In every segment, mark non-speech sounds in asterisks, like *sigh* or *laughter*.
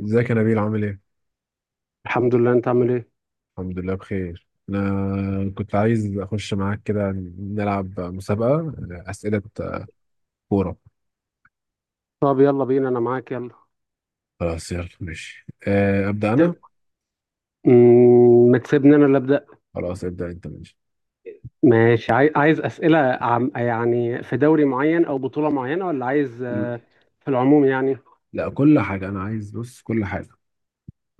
ازيك يا نبيل؟ عامل ايه؟ الحمد لله، انت عامل ايه؟ الحمد لله بخير. انا كنت عايز اخش معاك كده، نلعب مسابقة اسئلة كورة. طب يلا بينا، انا معاك، يلا. خلاص يلا ماشي، ابدأ انا. ت- مم، ما تسيبني انا اللي ابدا. خلاص ابدأ انت، ماشي. ماشي، عايز اسئله عم يعني في دوري معين او بطوله معينه، ولا عايز في العموم يعني؟ لا، كل حاجة انا عايز، بص، كل حاجة،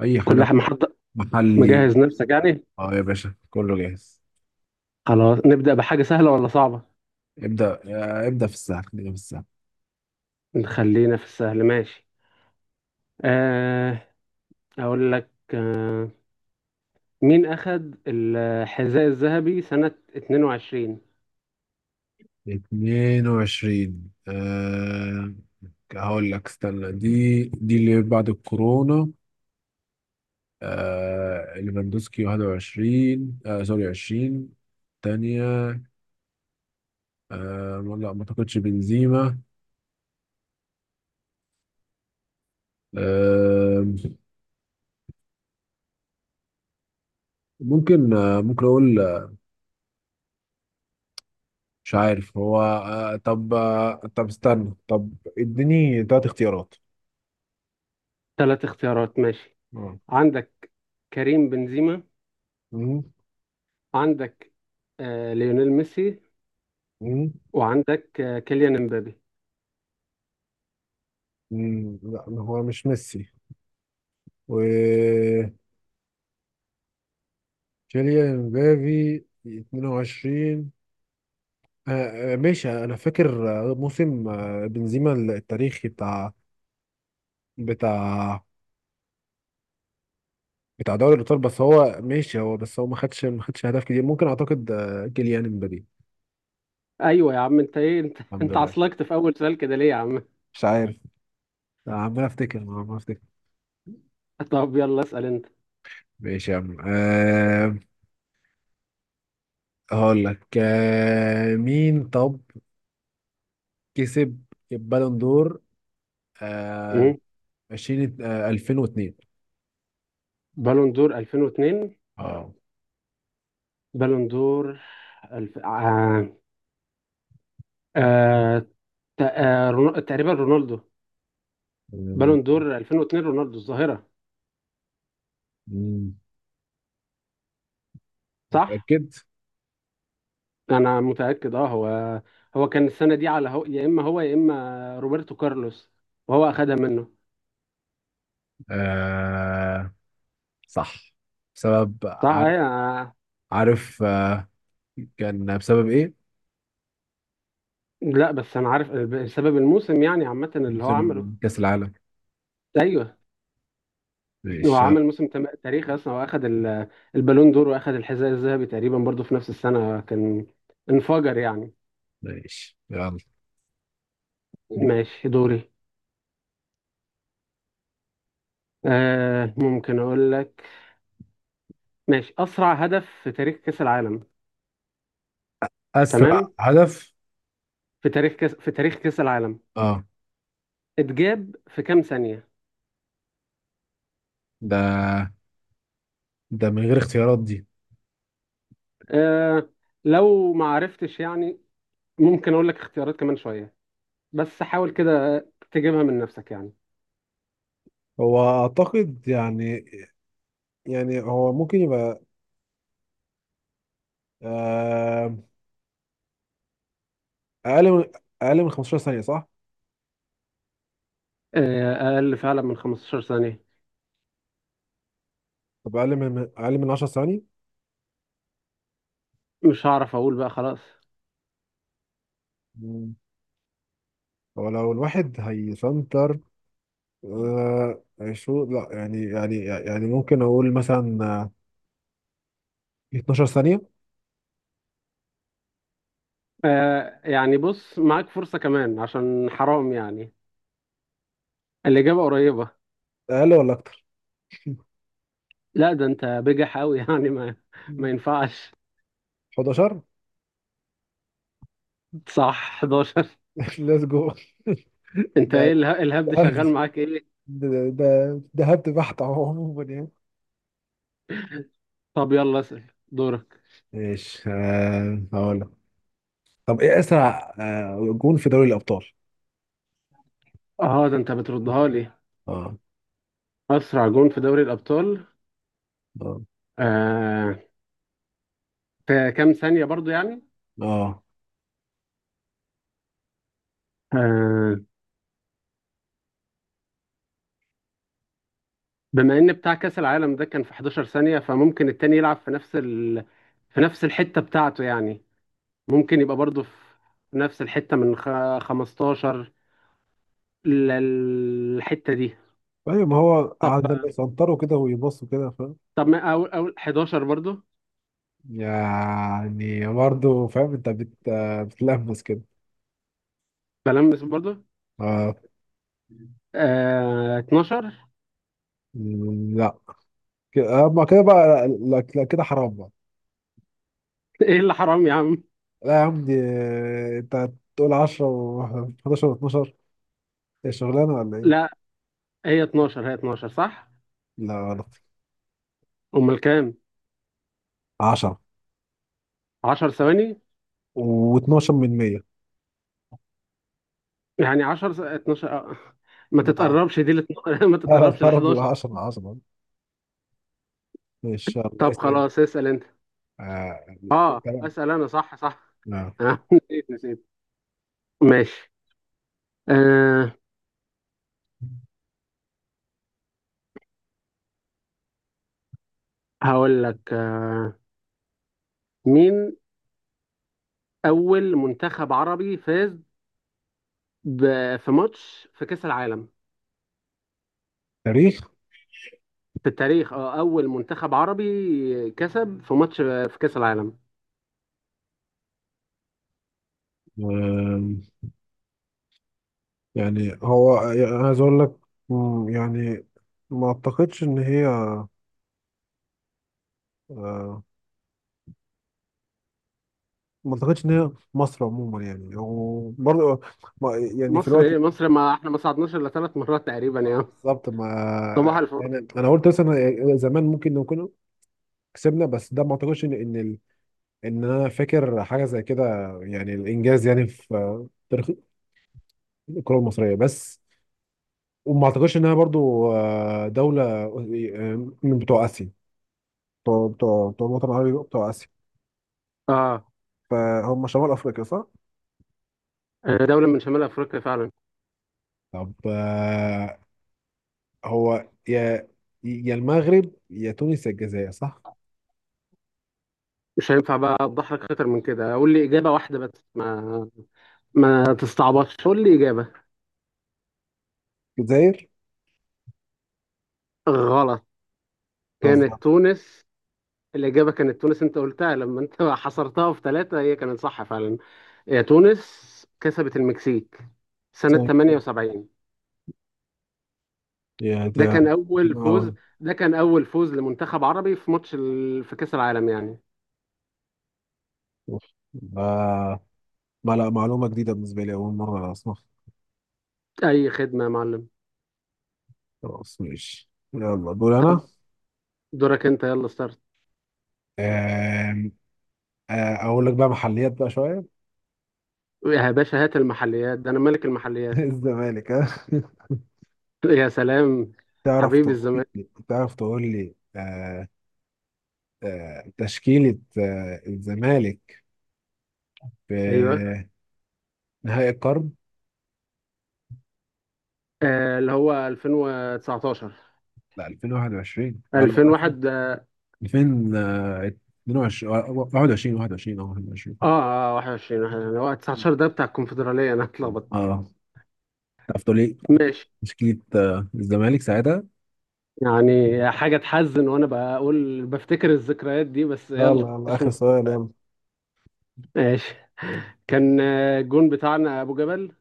اي كل حاجة، واحد محضر، محلي. مجهز نفسك يعني. اه يا باشا كله جاهز. خلاص، نبدا بحاجه سهله ولا صعبه؟ ابدأ في السهل، خلينا في السهل. نخلينا في السهل، ماشي. آه، اقول لك، مين اخذ الحذاء الذهبي سنه 22؟ 22؟ أه، هقول لك استنى، دي اللي بعد الكورونا. آه ليفاندوسكي 21، آه سوري 20. تانية. آه لا، ما اعتقدش بنزيما. آه ممكن، ممكن اقول، مش عارف هو. طب استنى، طب اديني تلات اختيارات. ثلاث اختيارات، ماشي. اه. عندك كريم بنزيما، مم، عندك ليونيل ميسي، مم، وعندك كيليان امبابي. مم، لا هو مش ميسي، و كيليان امبابي 22. ماشي، انا فاكر موسم بنزيما التاريخي بتاع بتاع دوري الابطال، بس هو ماشي هو بس هو ما خدش اهداف كتير. ممكن اعتقد كيليان امبابي. ايوه يا عم، انت ايه؟ انت *laughs* الحمد انت لله. عصلكت في اول سؤال كده ليه يا عم؟ مش عارف. عمال افتكر. *laughs* طب يلا، اسال انت. ماشي يا عم. هقول لك مين طب كسب البالون دور؟ أه مم. 20، أه 2002. بالون دور 2002؟ اه. بالون دور، الف... آه... آه... ت- آه... رونو... تقريبا رونالدو. مم، بالون دور 2002، رونالدو الظاهرة، مم، صح. متأكد؟ انا متأكد. اه، هو كان السنة دي على هو... يا اما هو، يا اما روبرتو كارلوس، وهو اخدها منه. أه صح. بسبب، صح، عارف؟ ايوه. عارف أه. كان بسبب ايه؟ لا بس انا عارف بسبب الموسم يعني عامه اللي هو موسم عمله. كأس العالم. ايوه، هو ماشي. عمل موسم تاريخي اصلا، واخد البالون دور، واخد الحذاء الذهبي تقريبا برضو في نفس السنه، كان انفجر يعني. ماشي يلا. ماشي، دوري. ممكن اقول لك. ماشي، اسرع هدف في تاريخ كاس العالم. اسرع تمام، هدف. في تاريخ كاس العالم اه، اتجاب في كام ثانيه؟ ده، ده من غير اختيارات دي؟ آه لو ما عرفتش يعني، ممكن اقول لك اختيارات كمان شويه، بس حاول كده تجيبها من نفسك يعني. هو اعتقد يعني، يعني هو ممكن يبقى آه، اقل من اقل من 15 ثانية، صح؟ اقل فعلا من 15 ثانية. طب اقل من 10 ثواني؟ مش هعرف اقول بقى، خلاص. مم. هو لو الواحد هيسنتر آه، شو، لا يعني، ممكن اقول مثلا 12 ثانية. يعني بص، معاك فرصة كمان عشان حرام يعني، الإجابة قريبة. اقل ولا اكتر؟ لا، ده انت بجح قوي. *laughs* يعني ما مم. ينفعش. 11. صح، 11. *laughs* ليتس جو. انت ده ايه؟ الهبد *laughs* شغال معاك ايه؟ ده هبد بحت اهو، عموما يعني. طب يلا اسأل، دورك. ماشي، هقول لك. طب ايه اسرع جون في دوري الابطال؟ اه، ده انت بتردها لي. اه. اسرع جون في دوري الابطال؟ اه. آه في كام ثانية برضو يعني. اه. آه بما ان بتاع كاس العالم ده كان في 11 ثانية، فممكن التاني يلعب في في نفس الحتة بتاعته يعني. ممكن يبقى برضه في نفس الحتة، من 15 للحتة دي. ايوه، ما هو طب قعد لما يسنطروا كده ويبصوا كده، فاهم. طب ما اول 11 برضه. يعني برضه فاهم، انت بت بتلمس كده. بلمس برضه. اه. 12. *laughs* مم، لا، كده اما كده بقى، لا لا لا، كده حرام بقى. ايه اللي حرام يا عم؟ لا يا عم دي، انت تقول 10 و11 و12، هي شغلانه ولا ايه؟ لا، هي 12، هي 12، صح. لا غلط. امال كام؟ 10 10 ثواني؟ و12 من 100. يعني 12 آه. ما تتقربش دي لت... *laughs* ما لا لا، تتقربش ل طرد 11. العشرة عظمة. إن شاء الله طب اسأل أنت. خلاص، اسأل انت. أنت اه، بقى. اسال انا، صح صح. آه. انا *laughs* نسيت نسيت، ماشي. أه هقول لك، مين اول منتخب عربي فاز في ماتش في كاس العالم؟ تاريخ. في التاريخ. اه اول منتخب عربي كسب في ماتش في كاس العالم. آم، يعني هو يعني عايز أقول لك، مم، يعني ما أعتقدش إن هي، آه، ما أعتقدش إن هي مصر عموما يعني، وبرضه يعني في مصر الوقت ايه؟ مصر، ما احنا ما صعدناش الا ثلاث مرات تقريبا يا بالظبط، ما صباح الفل. يعني أنا قلت مثلا زمان ممكن نكون كسبنا، بس ده ما أعتقدش إن إن، أنا فاكر حاجة زي كده، يعني الإنجاز يعني في تاريخ الكرة المصرية بس. وما اعتقدش انها برضو دولة من بتوع اسيا، بتوع الوطن العربي، بتوع اسيا. اه، فهم شمال افريقيا صح؟ دولة من شمال افريقيا فعلا. طب هو يا، يا المغرب يا تونس يا الجزائر، صح؟ مش هينفع بقى اوضح لك اكتر من كده، قول لي اجابة واحدة بس، ما تستعبطش، قول لي اجابة. الجزائر؟ غلط، بتهزر. كانت تونس. الإجابة كانت تونس، أنت قلتها لما أنت *laughs* حصرتها في ثلاثة، هي كانت صح فعلا، هي تونس، كسبت المكسيك سنة صح كده. 78. يا ده ده كان أول فوز أول. ده كان أول فوز لمنتخب عربي في في كأس العالم يعني. آه ما، لا، معلومة جديدة بالنسبة لي، أول مرة أسمع. أي خدمة يا معلم. خلاص ماشي يلا، دول طب، أنا. دورك أنت، يلا ستارت. آم، آه أقول لك بقى محليات بقى شوية. يا باشا، هات المحليات، ده أنا ملك *laughs* المحليات. الزمالك، ها؟ *laughs* *laughs* يا سلام، تعرف حبيبي تقول الزمان. لي تشكيلة الزمالك أيوه، في نهائي القرن؟ اللي هو 2019؟ لا 2021، اه لا، 2001؟ 2022، 21، 21. اه 21، 21. هو 19 ده بتاع الكونفدرالية، انا اتلخبطت. اه. تعرف تقول لي ماشي. تشكيلة الزمالك ساعتها؟ يعني حاجة تحزن وانا بقول بفتكر الذكريات دي، بس يلا يلا يلا، مش آخر مهم. سؤال، يلا. ماشي. كان الجون بتاعنا ابو جبل.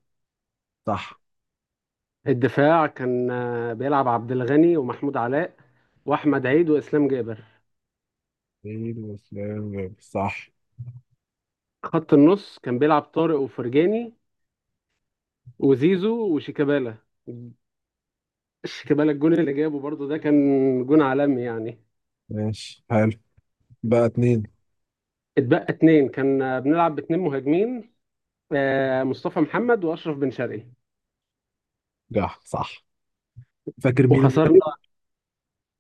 صح. الدفاع كان بيلعب عبد الغني ومحمود علاء واحمد عيد واسلام جابر. سعيد وسلام جابر. صح. خط النص كان بيلعب طارق وفرجاني وزيزو وشيكابالا. شيكابالا، الجون اللي جابه برضو ده كان جون عالمي يعني. ماشي حلو. بقى اتنين. اتبقى اتنين، كان بنلعب باتنين مهاجمين، مصطفى محمد واشرف بن شرقي. صح صح. فاكر مين المدرب؟ وخسرنا.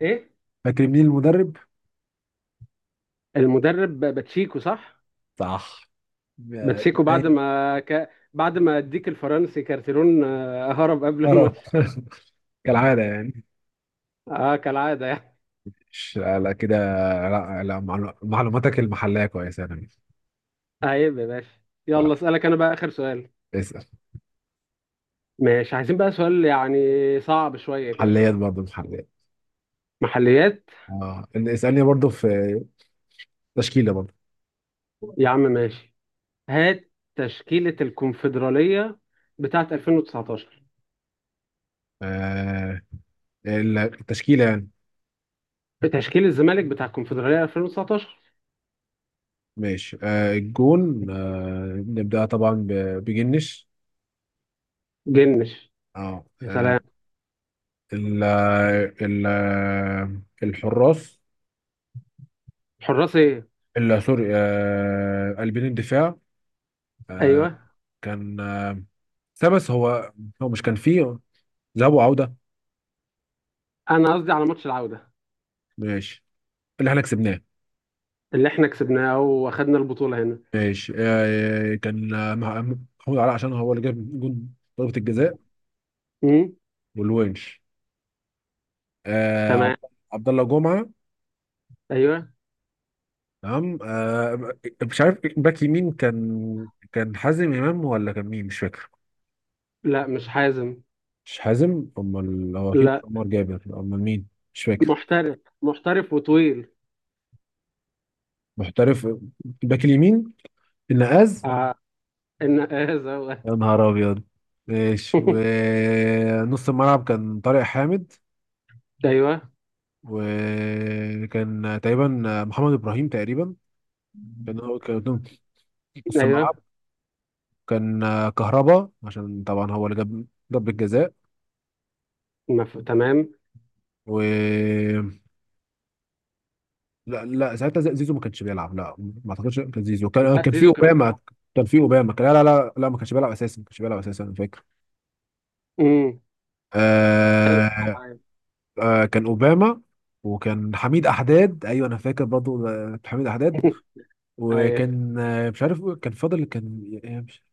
ايه؟ فاكر مين المدرب؟ المدرب باتشيكو، صح. صح. باتشيكو، آه، بعد ما اديك الفرنسي كارتيرون، هرب قبل اه الماتش. *laughs* كالعادة يعني. اه، كالعاده يعني. مش لا كده. لا لا، معلوماتك المحلية كويسة يا نبيل. عيب يا باشا. ف- يلا اسالك انا بقى اخر سؤال. اسأل. ماشي، عايزين بقى سؤال يعني صعب شويه كده. محليات برضه، محليات. محليات. اه اسألني برضه في تشكيلة برضه. يا عم ماشي، هات. تشكيله الكونفدراليه بتاعت 2019. آه التشكيلة يعني. تشكيل الزمالك بتاع الكونفدراليه 2019. ماشي، الجون، نبدأ طبعا بجنش. جنش. اه يا سلام. ال ال الحراس. حراس ايه؟ سوري، قلبين الدفاع. آه ايوه، كان بس هو، هو مش كان فيه ذهاب وعودة؟ انا قصدي على ماتش العودة، ماشي، اللي احنا كسبناه. اللي احنا كسبناه واخدنا البطولة هنا. ماشي، كان محمود علاء، عشان هو اللي جاب جون ضربة الجزاء. امم. والونش، آه تمام. عبد الله جمعة. ايوه. تمام آه. مش عارف باك يمين كان حازم امام، ولا كان مين، مش فاكر. لا، مش حازم. مش حازم. امال هو اكيد لا، عمر جابر، امال مين؟ مش فاكر. محترف، محترف وطويل. محترف. باك اليمين، النقاز. آه ان هذا هو. يا نهار ابيض! ماشي، *laughs* ونص الملعب كان طارق حامد، ايوه، وكان تقريبا محمد ابراهيم تقريبا، كان هو كان قدام نص ايوه. الملعب. كان كهربا، عشان طبعا هو اللي جاب ضربة جزاء. تمام. و، لا لا، ساعتها زيزو ما كانش بيلعب. لا ما اعتقدش كان زيزو، لا، كان في زيزو كان. اوباما. كان في اوباما كان، لا، ما كانش بيلعب اساسا، انا فاكر. امم. آه. *laughs* آه كان اوباما، وكان حميد احداد. ايوه، انا فاكر برضو حميد احداد. ايوه، وكان مش عارف كان فاضل، كان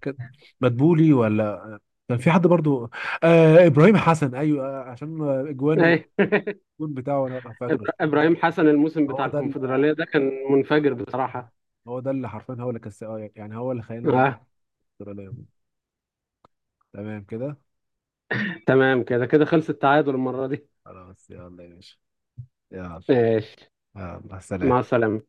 كان مدبولي، ولا كان في حد برضو؟ آه ابراهيم حسن، ايوه آه عشان اجوانه، ايوه. الجون بتاعه انا فاكره. ابراهيم حسن، الموسم هو بتاع ده الكونفدرالية ده كان منفجر بصراحة. هو ده اللي حرفيا هو اللي كسب، يعني هو اللي خلينا آه. نتفرج عليهم. تمام كده. تمام كده، كده خلص التعادل المرة دي. خلاص يلا يا باشا، يلا. ماشي. يلا سلام. مع السلامة.